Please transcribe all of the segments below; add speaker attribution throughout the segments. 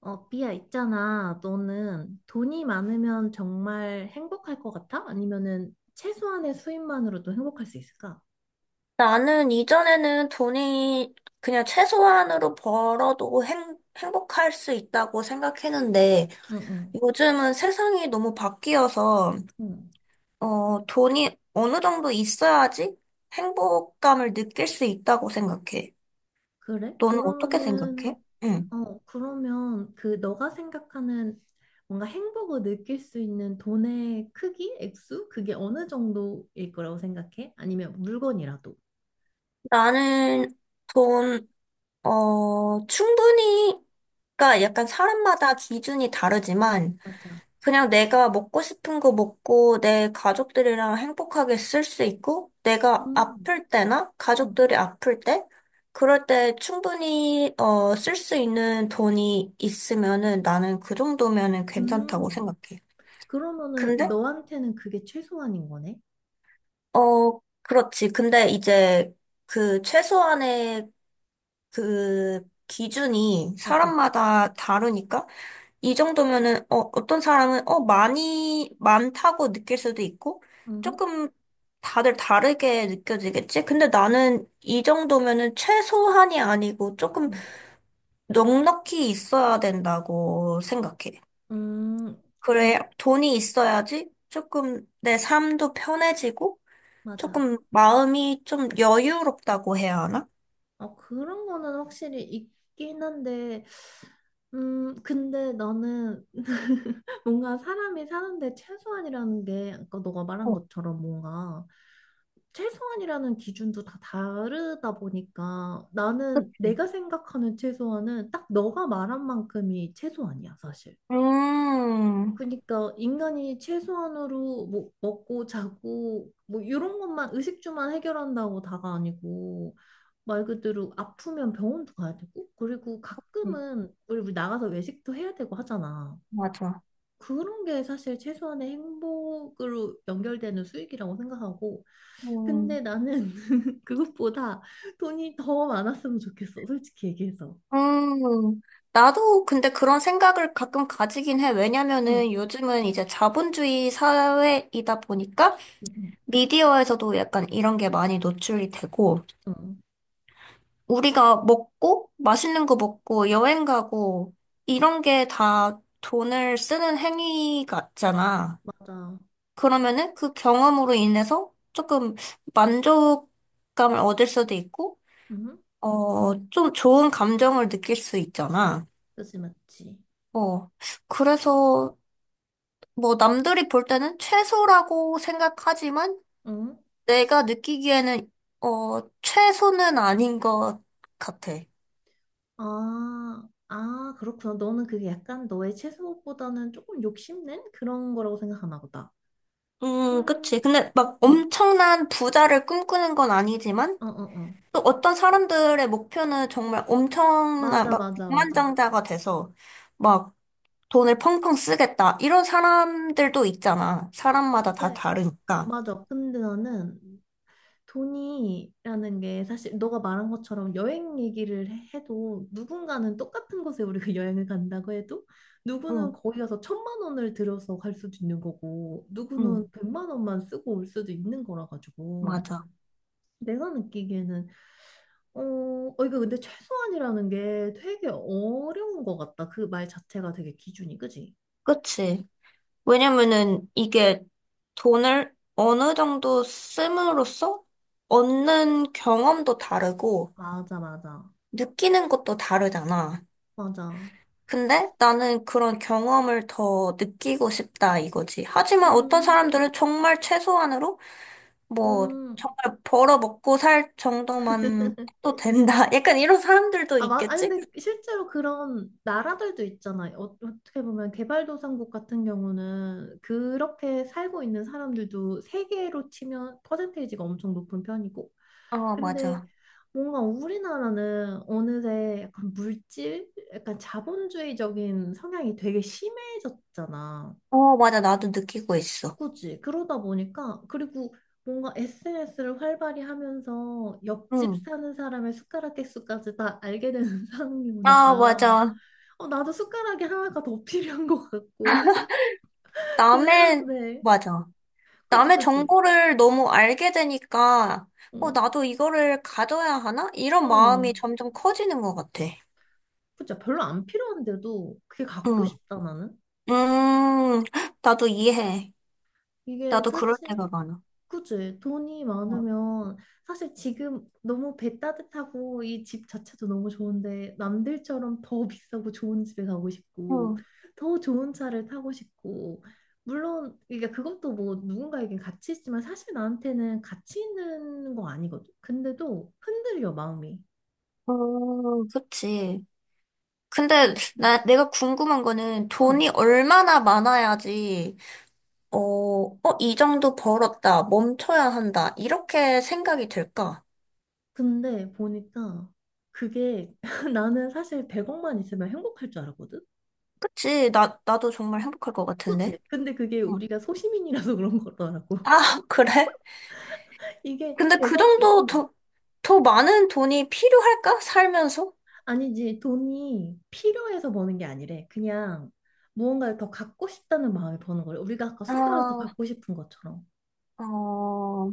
Speaker 1: 어, 삐야, 있잖아. 너는 돈이 많으면 정말 행복할 것 같아? 아니면은 최소한의 수입만으로도 행복할 수 있을까?
Speaker 2: 나는 이전에는 돈이 그냥 최소한으로 벌어도 행복할 수 있다고 생각했는데
Speaker 1: 응, 응,
Speaker 2: 요즘은 세상이 너무 바뀌어서
Speaker 1: 응.
Speaker 2: 돈이 어느 정도 있어야지 행복감을 느낄 수 있다고 생각해.
Speaker 1: 그래?
Speaker 2: 너는 어떻게
Speaker 1: 그러면은,
Speaker 2: 생각해? 응.
Speaker 1: 어, 그러면 그 너가 생각하는 뭔가 행복을 느낄 수 있는 돈의 크기, 액수? 그게 어느 정도일 거라고 생각해? 아니면 물건이라도?
Speaker 2: 나는 돈, 충분히, 그러니까 약간 사람마다 기준이 다르지만
Speaker 1: 맞아.
Speaker 2: 그냥 내가 먹고 싶은 거 먹고 내 가족들이랑 행복하게 쓸 수 있고 내가
Speaker 1: 음,
Speaker 2: 아플 때나
Speaker 1: 음,
Speaker 2: 가족들이 아플 때 그럴 때 충분히 쓸 수 있는 돈이 있으면은 나는 그 정도면은 괜찮다고
Speaker 1: 음.
Speaker 2: 생각해.
Speaker 1: 그러면은
Speaker 2: 근데
Speaker 1: 너한테는 그게 최소한인 거네?
Speaker 2: 어 그렇지. 근데 이제 그 최소한의 그 기준이
Speaker 1: 어, 어.
Speaker 2: 사람마다 다르니까 이 정도면은 어떤 사람은 많이 많다고 느낄 수도 있고
Speaker 1: 음.
Speaker 2: 조금 다들 다르게 느껴지겠지? 근데 나는 이 정도면은 최소한이 아니고 조금
Speaker 1: 음.
Speaker 2: 넉넉히 있어야 된다고 생각해.
Speaker 1: 음, 그,
Speaker 2: 그래, 돈이 있어야지 조금 내 삶도 편해지고
Speaker 1: 맞아.
Speaker 2: 조금 마음이 좀 여유롭다고 해야 하나?
Speaker 1: 어, 그런 거는 확실히 있긴 한데, 근데 나는 뭔가 사람이 사는데 최소한이라는 게, 아까 너가 말한
Speaker 2: 어,
Speaker 1: 것처럼 뭔가 최소한이라는 기준도 다 다르다 보니까 나는
Speaker 2: 그치.
Speaker 1: 내가 생각하는 최소한은 딱 너가 말한 만큼이 최소한이야, 사실.
Speaker 2: 음,
Speaker 1: 그러니까 인간이 최소한으로 뭐 먹고 자고 뭐 이런 것만 의식주만 해결한다고 다가 아니고 말 그대로 아프면 병원도 가야 되고, 그리고
Speaker 2: 그치.
Speaker 1: 가끔은 우리 나가서 외식도 해야 되고 하잖아.
Speaker 2: 맞아.
Speaker 1: 그런 게 사실 최소한의 행복으로 연결되는 수익이라고 생각하고, 근데
Speaker 2: 음.
Speaker 1: 나는 그것보다 돈이 더 많았으면 좋겠어, 솔직히 얘기해서.
Speaker 2: 음, 나도 근데 그런 생각을 가끔 가지긴 해.
Speaker 1: 응,
Speaker 2: 왜냐면은 요즘은 이제 자본주의 사회이다 보니까
Speaker 1: 응, 응,
Speaker 2: 미디어에서도 약간 이런 게 많이 노출이 되고,
Speaker 1: 응.
Speaker 2: 우리가 먹고, 맛있는 거 먹고, 여행 가고, 이런 게 다 돈을 쓰는 행위 같잖아.
Speaker 1: 맞아.
Speaker 2: 그러면은 그 경험으로 인해서 조금 만족감을 얻을 수도 있고,
Speaker 1: 응,
Speaker 2: 좀 좋은 감정을 느낄 수 있잖아.
Speaker 1: 그지, 맞지.
Speaker 2: 어, 그래서 뭐 남들이 볼 때는 최소라고 생각하지만
Speaker 1: 응?
Speaker 2: 내가 느끼기에는 어 최소는 아닌 것 같아.
Speaker 1: 아, 아, 그렇구나. 너는 그게 약간 너의 최소보다는 조금 욕심낸 그런 거라고 생각하나 보다.
Speaker 2: 그치.
Speaker 1: 음,
Speaker 2: 근데 막
Speaker 1: 음.
Speaker 2: 엄청난 부자를 꿈꾸는 건 아니지만
Speaker 1: 어, 어, 어.
Speaker 2: 또 어떤 사람들의 목표는 정말 엄청난
Speaker 1: 맞아,
Speaker 2: 막
Speaker 1: 맞아, 맞아.
Speaker 2: 백만장자가 돼서 막 돈을 펑펑 쓰겠다. 이런 사람들도 있잖아. 사람마다 다
Speaker 1: 근데,
Speaker 2: 다르니까.
Speaker 1: 맞아. 근데 나는 돈이라는 게 사실 너가 말한 것처럼 여행 얘기를 해도 누군가는 똑같은 곳에 우리가 여행을 간다고 해도 누구는
Speaker 2: 응,
Speaker 1: 거기 가서 천만 원을 들여서 갈 수도 있는 거고 누구는
Speaker 2: 응,
Speaker 1: 100만 원만 쓰고 올 수도 있는 거라 가지고
Speaker 2: 맞아.
Speaker 1: 내가 느끼기에는 어, 어, 이거 근데 최소한이라는 게 되게 어려운 것 같다. 그 말 자체가 되게 기준이, 그지?
Speaker 2: 그치. 왜냐면은 이게 돈을 어느 정도 씀으로써 얻는 경험도 다르고
Speaker 1: 맞아, 맞아.
Speaker 2: 느끼는 것도 다르잖아.
Speaker 1: 맞아.
Speaker 2: 근데 나는 그런 경험을 더 느끼고 싶다 이거지. 하지만 어떤
Speaker 1: 음,
Speaker 2: 사람들은 정말 최소한으로 뭐
Speaker 1: 음.
Speaker 2: 정말 벌어 먹고 살 정도만 해도 된다. 약간 이런 사람들도
Speaker 1: 아, 맞, 아니,
Speaker 2: 있겠지?
Speaker 1: 근데 실제로 그런 나라들도 있잖아요. 어, 어떻게 보면 개발도상국 같은 경우는 그렇게 살고 있는 사람들도 세계로 치면 퍼센테이지가 엄청 높은 편이고.
Speaker 2: 어,
Speaker 1: 근데
Speaker 2: 맞아.
Speaker 1: 뭔가 우리나라는 어느새 약간 물질, 약간 자본주의적인 성향이 되게 심해졌잖아.
Speaker 2: 어, 맞아. 나도 느끼고 있어.
Speaker 1: 그치. 그러다 보니까, 그리고 뭔가 SNS를 활발히 하면서 옆집
Speaker 2: 응.
Speaker 1: 사는 사람의 숟가락 개수까지 다 알게 되는 상황이
Speaker 2: 아,
Speaker 1: 오니까,
Speaker 2: 맞아.
Speaker 1: 어, 나도 숟가락이 하나가 더 필요한 것 같고, 사실,
Speaker 2: 남의,
Speaker 1: 그런데,
Speaker 2: 맞아.
Speaker 1: 그치,
Speaker 2: 남의
Speaker 1: 그치.
Speaker 2: 정보를 너무 알게 되니까,
Speaker 1: 응,
Speaker 2: 나도 이거를 가져야 하나? 이런 마음이
Speaker 1: 응.
Speaker 2: 점점 커지는 것 같아.
Speaker 1: 그치. 별로 안 필요한데도 그게 갖고
Speaker 2: 응.
Speaker 1: 싶다, 나는.
Speaker 2: 음, 나도 이해해.
Speaker 1: 이게
Speaker 2: 나도 그럴
Speaker 1: 사실,
Speaker 2: 때가 많아.
Speaker 1: 그지? 돈이 많으면 사실 지금 너무 배 따뜻하고 이 집 자체도 너무 좋은데 남들처럼 더 비싸고 좋은 집에 가고 싶고
Speaker 2: 응.
Speaker 1: 더 좋은 차를 타고 싶고 물론 그러니까 그것도 뭐 누군가에겐 가치 있지만 사실 나한테는 가치 있는 거 아니거든. 근데도 흔들려 마음이.
Speaker 2: 그치.
Speaker 1: 어,
Speaker 2: 근데 나 내가 궁금한 거는
Speaker 1: 응.
Speaker 2: 돈이 얼마나 많아야지 이 정도 벌었다, 멈춰야 한다 이렇게 생각이 들까?
Speaker 1: 근데 보니까 그게 나는 사실 100억만 있으면 행복할 줄 알았거든.
Speaker 2: 그치? 나 나도 정말 행복할 것
Speaker 1: 그치?
Speaker 2: 같은데.
Speaker 1: 근데 그게
Speaker 2: 응.
Speaker 1: 우리가 소시민이라서 그런 거더라고.
Speaker 2: 아, 그래?
Speaker 1: 이게
Speaker 2: 근데 그
Speaker 1: 100억이,
Speaker 2: 정도
Speaker 1: 응.
Speaker 2: 더, 더 많은 돈이 필요할까? 살면서?
Speaker 1: 아니지, 돈이 필요해서 버는 게 아니래. 그냥 무언가를 더 갖고 싶다는 마음에 버는 거래. 우리가 아까 숟가락 더
Speaker 2: 아,
Speaker 1: 갖고 싶은 것처럼.
Speaker 2: 어, 어,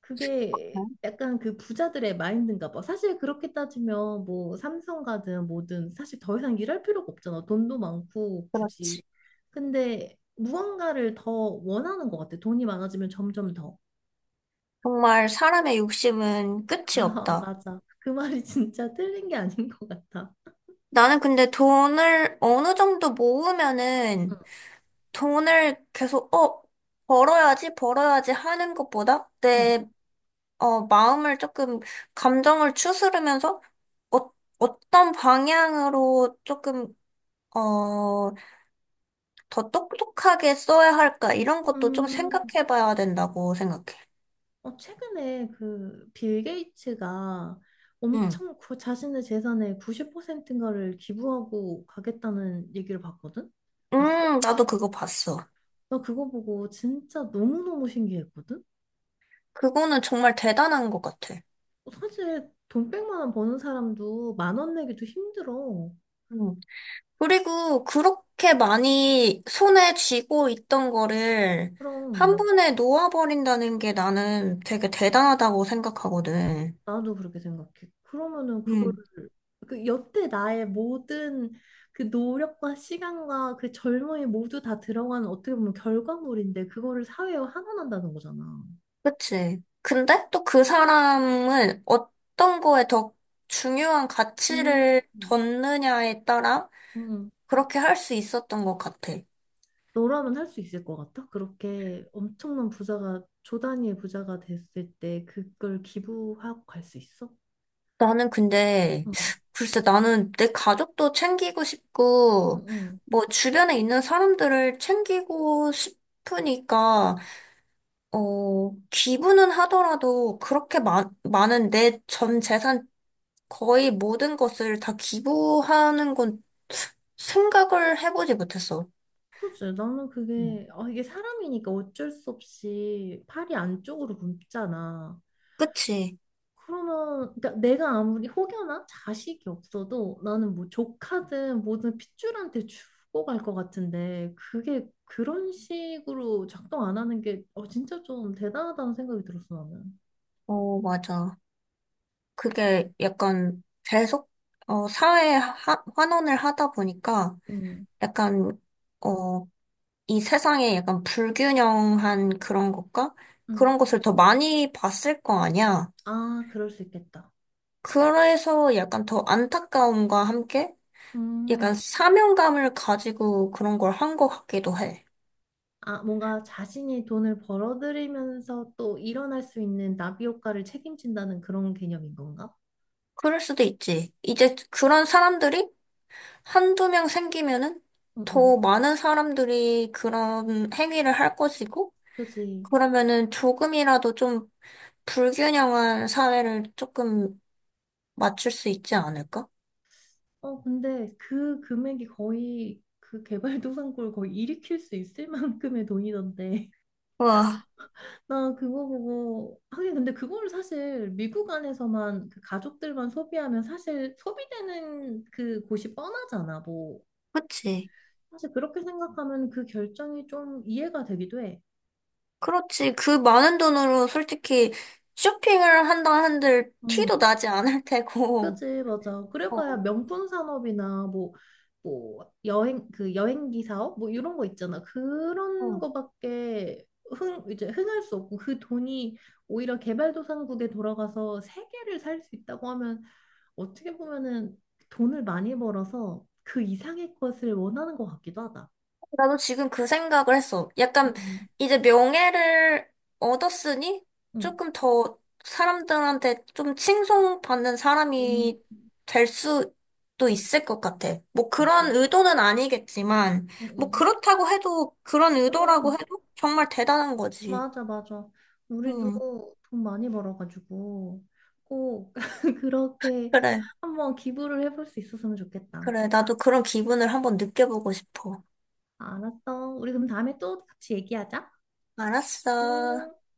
Speaker 1: 그게 약간 그 부자들의 마인드인가 봐. 사실 그렇게 따지면 뭐 삼성 가든 뭐든 사실 더 이상 일할 필요가 없잖아. 돈도 많고 굳이.
Speaker 2: 그렇지.
Speaker 1: 근데 무언가를 더 원하는 것 같아. 돈이 많아지면 점점 더.
Speaker 2: 정말 사람의 욕심은 끝이
Speaker 1: 아,
Speaker 2: 없다.
Speaker 1: 맞아. 그 말이 진짜 틀린 게 아닌 것 같아.
Speaker 2: 나는 근데 돈을 어느 정도
Speaker 1: 응,
Speaker 2: 모으면은 돈을 계속, 벌어야지, 벌어야지 하는 것보다
Speaker 1: 응.
Speaker 2: 내, 마음을 조금, 감정을 추스르면서 어, 어떤 방향으로 조금, 어, 더 똑똑하게 써야 할까? 이런 것도 좀
Speaker 1: 음,
Speaker 2: 생각해 봐야 된다고 생각해.
Speaker 1: 어, 최근에 그 빌 게이츠가
Speaker 2: 응.
Speaker 1: 엄청 그 자신의 재산의 90%인가를 기부하고 가겠다는 얘기를 봤거든? 봤어?
Speaker 2: 나도 그거 봤어.
Speaker 1: 나 그거 보고 진짜 너무너무 신기했거든?
Speaker 2: 그거는 정말 대단한 것 같아.
Speaker 1: 어, 사실 돈 100만 원 버는 사람도 1만 원 내기도 힘들어.
Speaker 2: 음. 그리고 그렇게 많이 손에 쥐고 있던 거를 한
Speaker 1: 그럼
Speaker 2: 번에 놓아버린다는 게 나는 되게 대단하다고 생각하거든.
Speaker 1: 나도 그렇게 생각해. 그러면은 그걸
Speaker 2: 음.
Speaker 1: 그 여태 나의 모든 그 노력과 시간과 그 젊음이 모두 다 들어간 어떻게 보면 결과물인데 그거를 사회에 환원한다는 거잖아.
Speaker 2: 그치? 근데 또 그 사람은 어떤 거에 더 중요한
Speaker 1: 음.
Speaker 2: 가치를 뒀느냐에 따라
Speaker 1: 음.
Speaker 2: 그렇게 할 수 있었던 것 같아.
Speaker 1: 너라면 할 수 있을 것 같아? 그렇게 엄청난 부자가 조 단위의 부자가 됐을 때 그걸 기부하고 갈 수 있어?
Speaker 2: 나는 근데,
Speaker 1: 응.
Speaker 2: 글쎄, 나는 내 가족도 챙기고
Speaker 1: 응.
Speaker 2: 싶고,
Speaker 1: 응.
Speaker 2: 뭐, 주변에 있는 사람들을 챙기고 싶으니까, 기부는 하더라도 그렇게 많은 내 전 재산 거의 모든 것을 다 기부하는 건 생각을 해보지 못했어.
Speaker 1: 그지? 나는
Speaker 2: 음.
Speaker 1: 그게 아, 이게 사람이니까 어쩔 수 없이 팔이 안쪽으로 굽잖아.
Speaker 2: 그치?
Speaker 1: 그러면 그러니까 내가 아무리 혹여나 자식이 없어도 나는 뭐 조카든 뭐든 핏줄한테 주고 갈 것 같은데 그게 그런 식으로 작동 안 하는 게 어, 진짜 좀 대단하다는 생각이 들었어 나는.
Speaker 2: 어, 맞아. 그게 약간 계속, 사회에 환원을 하다 보니까,
Speaker 1: 음,
Speaker 2: 약간, 어, 이 세상에 약간 불균형한 그런 것과
Speaker 1: 음.
Speaker 2: 그런 것을 더 많이 봤을 거 아니야.
Speaker 1: 아, 그럴 수 있겠다.
Speaker 2: 그래서 약간 더 안타까움과 함께 약간
Speaker 1: 음.
Speaker 2: 사명감을 가지고 그런 걸 한 것 같기도 해.
Speaker 1: 아, 뭔가 자신이 돈을 벌어들이면서 또 일어날 수 있는 나비 효과를 책임진다는 그런 개념인 건가?
Speaker 2: 그럴 수도 있지. 이제 그런 사람들이 한두 명 생기면은
Speaker 1: 응, 응.
Speaker 2: 더 많은 사람들이 그런 행위를 할 것이고,
Speaker 1: 그지.
Speaker 2: 그러면은 조금이라도 좀 불균형한 사회를 조금 맞출 수 있지 않을까?
Speaker 1: 어, 근데 그 금액이 거의 그 개발도상국을 거의 일으킬 수 있을 만큼의 돈이던데.
Speaker 2: 와,
Speaker 1: 나 그거 보고, 하긴 근데 그걸 사실 미국 안에서만 그 가족들만 소비하면 사실 소비되는 그 곳이 뻔하잖아. 뭐,
Speaker 2: 그치.
Speaker 1: 사실 그렇게 생각하면 그 결정이 좀 이해가 되기도 해.
Speaker 2: 그렇지. 그 많은 돈으로 솔직히 쇼핑을 한다 한들 티도
Speaker 1: 음.
Speaker 2: 나지 않을 테고.
Speaker 1: 그지, 맞아.
Speaker 2: 어,
Speaker 1: 그래봐야 명품 산업이나 뭐, 뭐, 여행, 그 여행기 사업? 뭐 이런 거 있잖아. 그런
Speaker 2: 어.
Speaker 1: 거밖에 흥, 이제 흥할 수 없고 그 돈이 오히려 개발도상국에 돌아가서 세계를 살 수 있다고 하면 어떻게 보면은 돈을 많이 벌어서 그 이상의 것을 원하는 것 같기도 하다.
Speaker 2: 나도 지금 그 생각을 했어. 약간
Speaker 1: 음,
Speaker 2: 이제 명예를 얻었으니
Speaker 1: 음,
Speaker 2: 조금 더 사람들한테 좀 칭송받는
Speaker 1: 음,
Speaker 2: 사람이 될 수도 있을 것 같아. 뭐
Speaker 1: 맞아.
Speaker 2: 그런 의도는 아니겠지만,
Speaker 1: 음,
Speaker 2: 뭐
Speaker 1: 음.
Speaker 2: 그렇다고 해도, 그런 의도라고
Speaker 1: 그럼.
Speaker 2: 해도 정말 대단한 거지.
Speaker 1: 맞아, 맞아. 우리도
Speaker 2: 음,
Speaker 1: 돈 많이 벌어가지고 꼭 그렇게
Speaker 2: 그래.
Speaker 1: 한번 기부를 해볼 수 있었으면 좋겠다.
Speaker 2: 그래, 나도 그런 기분을 한번 느껴보고 싶어.
Speaker 1: 알았어. 우리 그럼 다음에 또 같이 얘기하자.
Speaker 2: 알았어.
Speaker 1: 음.